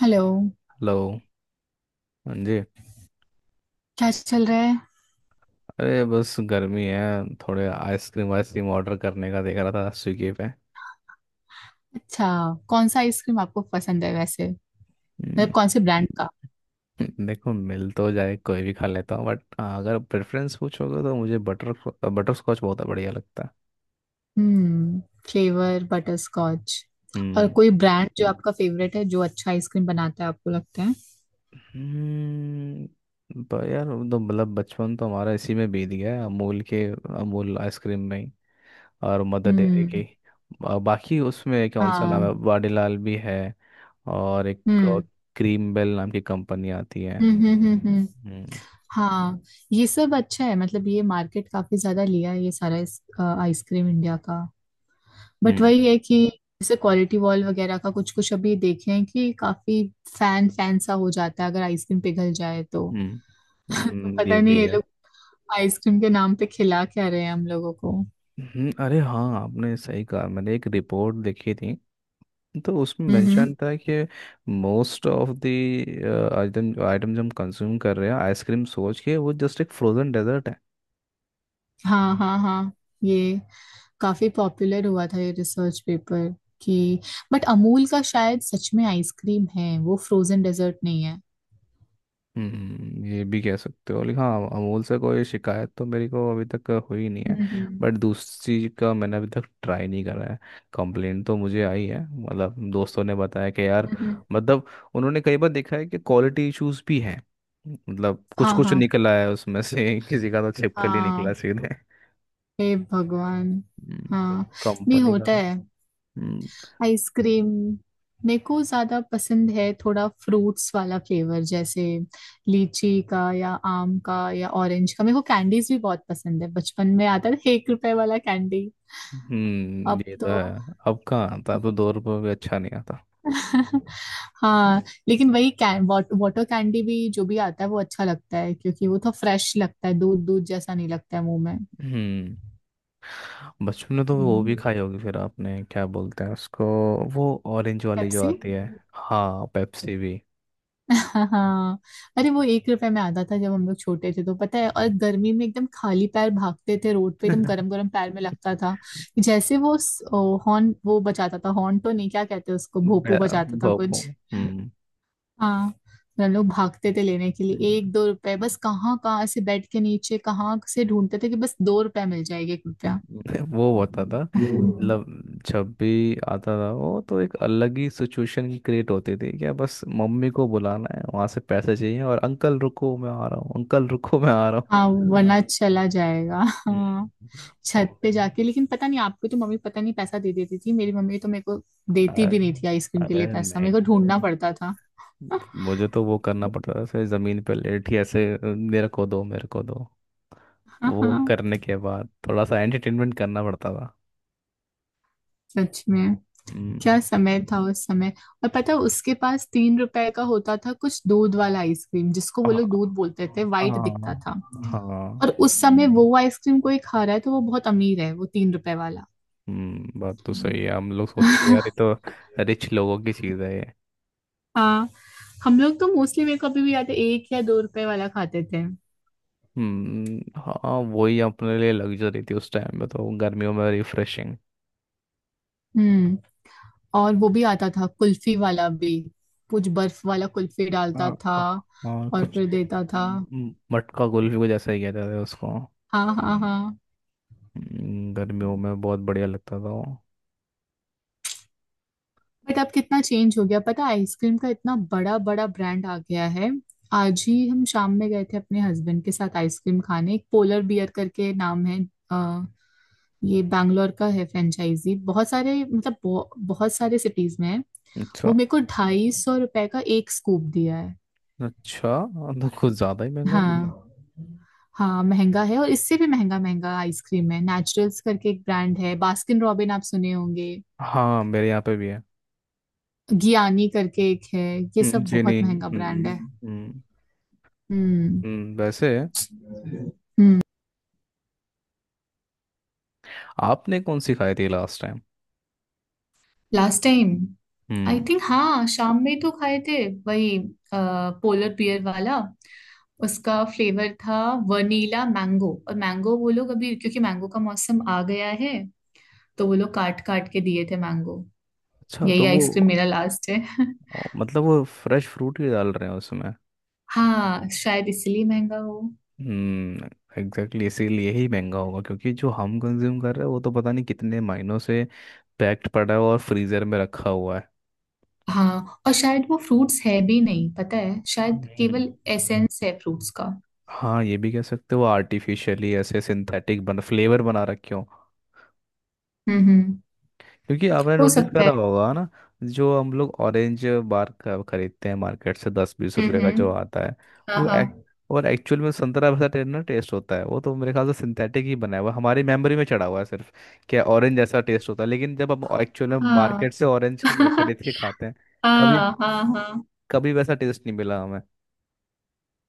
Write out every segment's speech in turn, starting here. Hello. Hello. हाँ जी। क्या चल रहा है? अरे, बस गर्मी है। थोड़े आइसक्रीम वाइसक्रीम ऑर्डर करने का देख रहा था स्विगी पे। अच्छा। कौन सा आइसक्रीम आपको पसंद है वैसे? मतलब हम्म। कौन से ब्रांड का? देखो, मिल तो जाए कोई भी खा लेता हूँ, बट हाँ, अगर प्रेफरेंस पूछोगे तो मुझे बटर बटर स्कॉच बहुत बढ़िया लगता है। हम्म। Flavour butterscotch. और हम्म। कोई ब्रांड जो आपका फेवरेट है, जो अच्छा आइसक्रीम बनाता है आपको लगता है? पर यार वो तो मतलब बचपन तो हमारा इसी में बीत गया है, अमूल आइसक्रीम में ही, और मदर डेयरी की। हम्म। बाकी उसमें कौन सा नाम है, हाँ। वाडीलाल भी है। और एक हम्म क्रीम बेल नाम की कंपनी आती है। हम्म हम्म हम्म हम्म। हम्म, हाँ। ये सब अच्छा है, मतलब ये मार्केट काफी ज्यादा लिया है, ये सारा आइसक्रीम इंडिया का। बट हम्म, वही है कि जैसे क्वालिटी वॉल वगैरह का कुछ कुछ अभी देखे हैं कि काफी फैन फैन सा हो जाता है अगर आइसक्रीम पिघल जाए तो। हम्म। तो ये पता नहीं भी ये है। लोग आइसक्रीम के नाम पे खिला क्या रहे हैं हम लोगों को। अरे हाँ, आपने सही कहा। मैंने एक रिपोर्ट देखी थी, तो उसमें हम्म। मेंशन था कि most of the item item जो हम कंज्यूम कर रहे हैं आइसक्रीम सोच के, वो जस्ट एक फ्रोजन डेजर्ट है। हाँ हाँ हाँ। ये काफी पॉपुलर हुआ था ये रिसर्च पेपर कि, बट अमूल का शायद सच में आइसक्रीम है, वो फ्रोजन डेजर्ट नहीं है। ये भी कह सकते हो, लेकिन हाँ, अमूल से कोई शिकायत तो मेरे को अभी तक हुई नहीं है। हम्म बट दूसरी का मैंने अभी तक ट्राई नहीं करा है। कंप्लेंट तो मुझे आई है, मतलब दोस्तों ने बताया कि यार, हम्म। मतलब उन्होंने कई बार देखा है कि क्वालिटी इश्यूज भी हैं। मतलब कुछ हाँ कुछ हाँ निकला है उसमें से। किसी का तो छिपकली निकला हाँ। सीधे। हे भगवान! तो हाँ, नहीं कंपनी का होता तो। है हम्म, आइसक्रीम। मेरे को ज्यादा पसंद है थोड़ा फ्रूट्स वाला फ्लेवर, जैसे लीची का या आम का या ऑरेंज का। मेरे को कैंडीज भी बहुत पसंद है, बचपन में आता था 1 रुपए वाला कैंडी। हम्म। अब ये तो तो है। अब कहाँ आता, अब तो 2 रुपये भी अच्छा नहीं आता। हाँ। लेकिन वही कैं वाटर कैंडी भी जो भी आता है वो अच्छा लगता है, क्योंकि वो तो फ्रेश लगता है, दूध दूध जैसा नहीं लगता है मुंह में। हम्म बचपन में तो वो भी खाई होगी, फिर आपने क्या बोलते हैं उसको, वो ऑरेंज वाली जो पेप्सी। आती है। हाँ, पेप्सी भी। हाँ हाँ। अरे वो 1 रुपए में आता था जब हम लोग छोटे थे, तो पता है, और हम्म। गर्मी में एकदम खाली पैर भागते थे रोड पे, एकदम गरम गरम पैर में लगता था। जैसे वो हॉर्न वो बजाता था, हॉर्न तो नहीं, क्या कहते हैं उसको, भोपू बे- बजाता था भोपो। कुछ। हम्म। हाँ। तो हम लोग भागते थे लेने के लिए, हम्म। एक दो रुपए बस, कहाँ कहाँ से बेड के नीचे कहाँ से ढूंढते थे कि बस 2 रुपए मिल जाएगा, 1 रुपया। वो होता था, मतलब जब भी आता था वो, तो एक अलग ही सिचुएशन क्रिएट होती थी क्या। बस मम्मी को बुलाना है, वहां से पैसे चाहिए, और अंकल रुको मैं आ रहा हूँ, अंकल रुको मैं आ रहा हूँ। हाँ वरना चला जाएगा। हम्म, हाँ। छत मम्मी, पे जाके, लेकिन पता नहीं, आपको तो मम्मी पता नहीं पैसा दे देती थी, मेरी मम्मी तो मेरे को देती अरे भी नहीं थी आइसक्रीम के अरे लिए, पैसा मेरे नहीं, को ढूंढना पड़ता था। हाँ मुझे तो वो करना पड़ता था, ऐसे जमीन पे लेट ही ऐसे "अ, मेरे को दो, मेरे को दो। वो हाँ। करने के बाद थोड़ा सा एंटरटेनमेंट करना पड़ता था। सच में, हम्म, क्या समय था उस समय। और पता है, उसके पास 3 रुपए का होता था कुछ दूध वाला आइसक्रीम, जिसको आ, वो लोग दूध बोलते थे, वाइट दिखता आ, था। हाँ। और उस समय वो आइसक्रीम कोई खा रहा है तो वो बहुत अमीर है, वो 3 रुपए वाला। बात तो सही है, हम लोग सोचते थे यार ये तो रिच लोगों की चीज है ये। हाँ। हम लोग तो मोस्टली, मेरे को अभी भी याद है, एक या दो रुपए वाला खाते थे। हाँ, वही अपने लिए लग्जरी थी उस टाइम में, तो गर्मियों में रिफ्रेशिंग। हम्म। और वो भी आता था कुल्फी वाला भी, कुछ बर्फ वाला कुल्फी डालता हाँ, था हाँ, हाँ, और कुछ फिर देता था। मटका कुल्फी कुछ ऐसा ही कहते थे उसको। हाँ हाँ हाँ। गर्मियों में बहुत बढ़िया लगता था वो। बट अब कितना चेंज हो गया पता है आइसक्रीम का, इतना बड़ा बड़ा ब्रांड आ गया है। आज ही हम शाम में गए थे अपने हस्बैंड के साथ आइसक्रीम खाने, एक पोलर बियर करके नाम है। अ, ये बैंगलोर का है, फ्रेंचाइजी बहुत सारे, मतलब बहुत सारे सिटीज में है। अच्छा। वो मेरे को 250 रुपए का एक स्कूप दिया है। अच्छा, तो कुछ ज्यादा ही महंगा नहीं हाँ हाँ महंगा है, और इससे भी महंगा महंगा आइसक्रीम है, नेचुरल्स करके एक ब्रांड है, बास्किन रॉबिन आप सुने होंगे। है। हाँ, मेरे यहाँ पे भी है। गियानी करके एक है। ये सब जी बहुत नहीं। महंगा ब्रांड हम्म। है। हम्म। हम्म वैसे हम्म। आपने कौन सी खाई थी last time? Last time, I hmm. Think हाँ शाम में तो खाए थे। वही पोलर बियर वाला। उसका फ्लेवर था वनीला मैंगो और मैंगो, वो लोग अभी क्योंकि मैंगो का मौसम आ गया है, तो वो लोग काट काट के दिए थे मैंगो। अच्छा, यही तो वो। आइसक्रीम मेरा लास्ट है। ओ, मतलब वो फ्रेश फ्रूट ही डाल रहे हैं उसमें। हाँ शायद इसलिए महंगा हो। हम्म। एग्जैक्टली, इसीलिए ही महंगा होगा, क्योंकि जो हम कंज्यूम कर रहे हैं वो तो पता नहीं कितने महीनों से पैक्ड पड़ा है और फ्रीजर में रखा हुआ है। हाँ, और शायद वो फ्रूट्स है भी नहीं, पता है, शायद हम्म केवल एसेंस है फ्रूट्स का। हाँ, ये भी कह सकते हो, आर्टिफिशियली ऐसे सिंथेटिक बन फ्लेवर बना रखे हो। हम्म। क्योंकि आपने हो नोटिस सकता करा है। होगा ना, जो हम लोग ऑरेंज बार का खरीदते हैं मार्केट से, 10-20 रुपए का हम्म। जो आता है, हाँ वो हाँ एक, और एक्चुअल में संतरा वैसा ना टेस्ट होता है वो, तो मेरे ख्याल से सिंथेटिक ही बना हुआ है। हमारी मेमोरी में चढ़ा हुआ है सिर्फ कि ऑरेंज जैसा टेस्ट होता है, लेकिन जब हम एक्चुअल में हाँ। मार्केट से ऑरेंज खरीद के खाते हैं, कभी हाँ हाँ हाँ। कभी वैसा टेस्ट नहीं मिला हमें।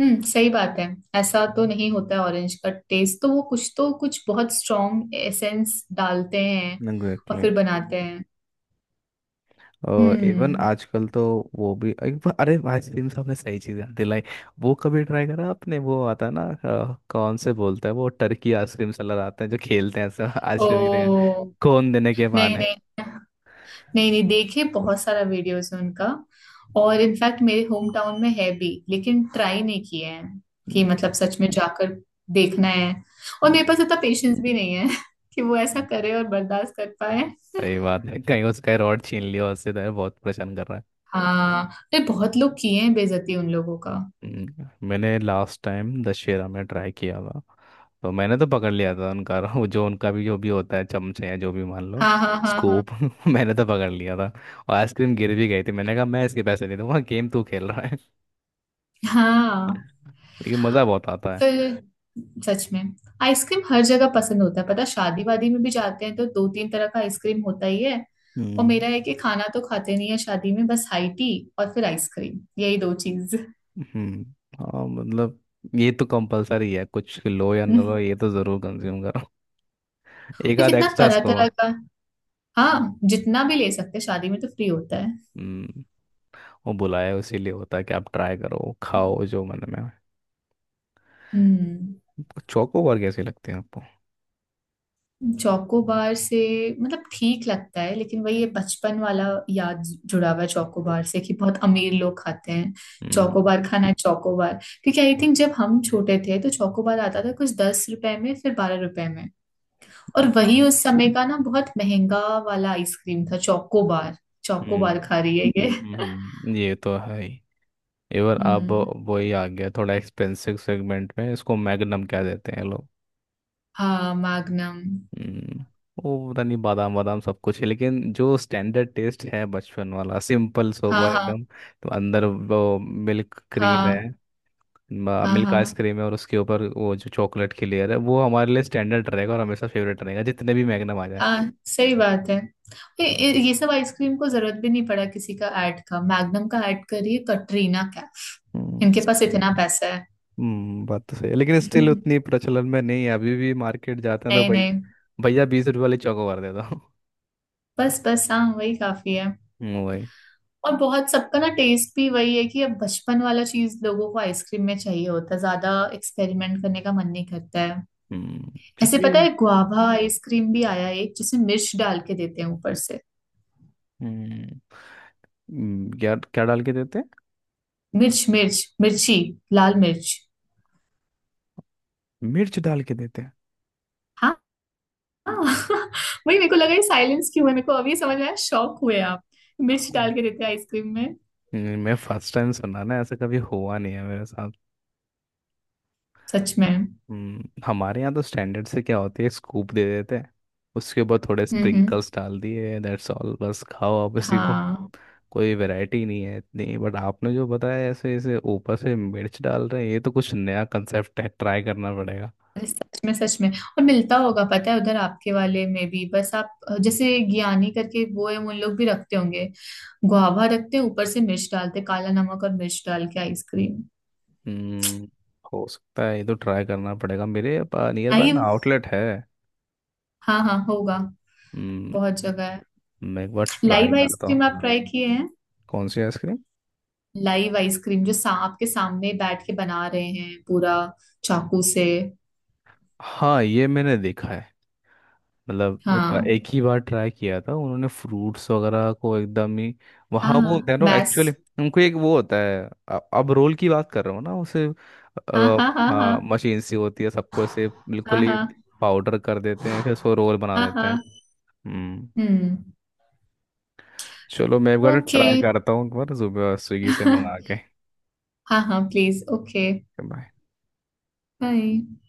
सही बात है। ऐसा तो नहीं होता है ऑरेंज का टेस्ट, तो वो कुछ तो कुछ बहुत स्ट्रॉन्ग एसेंस डालते हैं और एग्जैक्टली। फिर बनाते हैं। इवन हम्म। आजकल तो वो भी अरे, आइसक्रीम से आपने सही चीज याद दिलाई। वो कभी ट्राई करा आपने, वो आता है ना कौन से बोलता है वो, टर्की आइसक्रीम सेलर आते हैं जो खेलते हैं ऐसा आइसक्रीम की जगह, ओ। कोन देने के नहीं बहाने। नहीं। नहीं नहीं देखे, बहुत सारा वीडियोस है उनका। और इनफैक्ट मेरे होम टाउन में है भी लेकिन ट्राई नहीं किए हैं, कि हम्म, मतलब सच में जाकर देखना है, और मेरे हम्म। पास इतना पेशेंस भी नहीं है कि वो ऐसा करे और बर्दाश्त कर पाए। सही बात है, कहीं उसका रॉड छीन लिया उससे तो बहुत परेशान कर रहा है। हाँ। नहीं, बहुत लोग किए हैं बेइज्जती उन लोगों का। मैंने लास्ट टाइम दशहरा में ट्राई किया था, तो मैंने तो पकड़ लिया था उनका। वो जो उनका भी जो भी होता है, चमचे या जो भी मान लो, हाँ हाँ हाँ हाँ स्कूप। मैंने तो पकड़ लिया था, और आइसक्रीम गिर भी गई थी। मैंने कहा मैं इसके पैसे नहीं दूंगा, गेम तू खेल रहा है। हाँ। लेकिन मज़ा बहुत आता है। फिर, सच में, आइसक्रीम हर जगह पसंद होता है पता, शादी वादी में भी जाते हैं तो दो तीन तरह का आइसक्रीम होता ही है। और हम्म, मेरा है कि खाना तो खाते नहीं है शादी में, बस हाई टी और फिर आइसक्रीम, यही दो चीज। हम्म, हाँ, मतलब ये तो कंपलसरी है, कुछ लो या ना और लो ये तो ज़रूर कंज्यूम करो। एक आध कितना एक्स्ट्रा तरह तरह स्कोप। का। हाँ जितना भी ले सकते हैं, शादी में तो फ्री होता है। हम्म वो बुलाया इसीलिए होता है कि आप ट्राई करो, खाओ जो मन में आए। हम्म। चौकोबार कैसी लगती है आपको? चौकोबार से मतलब ठीक लगता है, लेकिन वही ये बचपन वाला याद जुड़ा हुआ है चौकोबार से, कि बहुत अमीर लोग खाते हैं हम्म। चौकोबार, खाना है चौकोबार, क्योंकि आई थिंक जब हम छोटे थे तो चौकोबार आता था कुछ 10 रुपए में, फिर 12 रुपए में। और वही हाँ। उस समय का ना, बहुत महंगा वाला आइसक्रीम था चौकोबार। चौकोबार हम्म, खा रही है ये। हम्म, ये तो है ही। एवर अब हम्म। वही आ गया थोड़ा एक्सपेंसिव सेगमेंट में, इसको मैग्नम कह देते हैं लोग। हाँ मैग्नम। हम्म वो पता नहीं, बादाम बादाम सब कुछ है, लेकिन जो स्टैंडर्ड टेस्ट है बचपन वाला सिंपल हाँ सोबर हाँ एकदम, तो अंदर वो मिल्क क्रीम है, हाँ हाँ मिल्क हाँ आइसक्रीम है, और उसके ऊपर वो जो चॉकलेट की लेयर है, वो हमारे लिए स्टैंडर्ड रहेगा और हमेशा फेवरेट रहेगा जितने भी मैग्नम आ जाए। हाँ सही बात है। ये सब आइसक्रीम को जरूरत भी नहीं पड़ा किसी का ऐड का, मैग्नम का ऐड करिए कटरीना का। हम्म, इनके पास इतना पैसा है। बात तो सही है, लेकिन स्टिल उतनी प्रचलन में नहीं है। अभी भी मार्केट जाते हैं नहीं तो नहीं। भैया 20 रुपये वाली चौको मार देता हूँ। बस बस, हाँ वही काफी है। वही। और बहुत सबका ना टेस्ट भी वही है कि अब बचपन वाला चीज लोगों को आइसक्रीम में चाहिए होता है, ज्यादा एक्सपेरिमेंट करने का मन नहीं करता है। हम्म, ऐसे क्योंकि, पता है गुआवा आइसक्रीम भी आया है एक, जिसमें मिर्च डाल के देते हैं ऊपर से। हम्म, क्या क्या डाल के देते हैं? मिर्च मिर्च मिर्ची, लाल मिर्च। मिर्च डाल के देते हैं? हाँ? हाँ। वही मेरे को लगा ये साइलेंस क्यों है, मेरे को अभी समझ में आया, शॉक हुए आप। मिर्च हाँ। डाल के देते हैं आइसक्रीम में। मैं फर्स्ट टाइम सुना ना, ऐसा कभी हुआ नहीं है मेरे साथ। सच में। हमारे यहाँ तो स्टैंडर्ड से क्या होती है, स्कूप दे देते हैं, उसके ऊपर थोड़े हम्म। स्प्रिंकल्स डाल दिए, दैट्स ऑल, बस खाओ आप इसी को। हाँ। कोई वैरायटी नहीं है इतनी, बट आपने जो बताया ऐसे ऐसे ऊपर से मिर्च डाल रहे हैं, ये तो कुछ नया कंसेप्ट है, ट्राई करना पड़ेगा। अरे सच में सच में, और मिलता होगा, पता है उधर आपके वाले में भी, बस आप जैसे ज्ञानी करके वो है, उन लोग भी रखते होंगे। गुआवा रखते हैं, ऊपर से मिर्च डालते, काला नमक और मिर्च डाल के आइसक्रीम। हम्म हो सकता है, ये तो ट्राई करना पड़ेगा, मेरे नियर बाय में लाइव। आउटलेट है। हाँ हाँ होगा, हम्म बहुत जगह है। मैं एक बार ट्राई लाइव करता हूँ। आइसक्रीम आप ट्राई किए हैं? कौन सी आइसक्रीम? लाइव आइसक्रीम जो आपके सामने बैठ के बना रहे हैं पूरा, चाकू से। हाँ, ये मैंने देखा है। मतलब मैं हाँ एक ही बार ट्राई किया था, उन्होंने फ्रूट्स वगैरह को एकदम ही, वहाँ वो हाँ। देखो एक्चुअली, मैथ्स। उनको एक वो होता है, अब रोल की बात कर रहा हूँ ना उसे। हाँ अ, हाँ हाँ हाँ हाँ मशीन सी होती है, सबको ऐसे हाँ बिल्कुल हाँ ही हाँ पाउडर कर देते हैं, फिर उसको रोल बना हाँ हाँ, देते हैं। हाँ। हम्म। हम्म। चलो मैं एक बार ओके। ट्राई करता हूँ, एक बार सुबह स्विगी से मंगा के। हाँ हाँ प्लीज। ओके। बाय। बाय।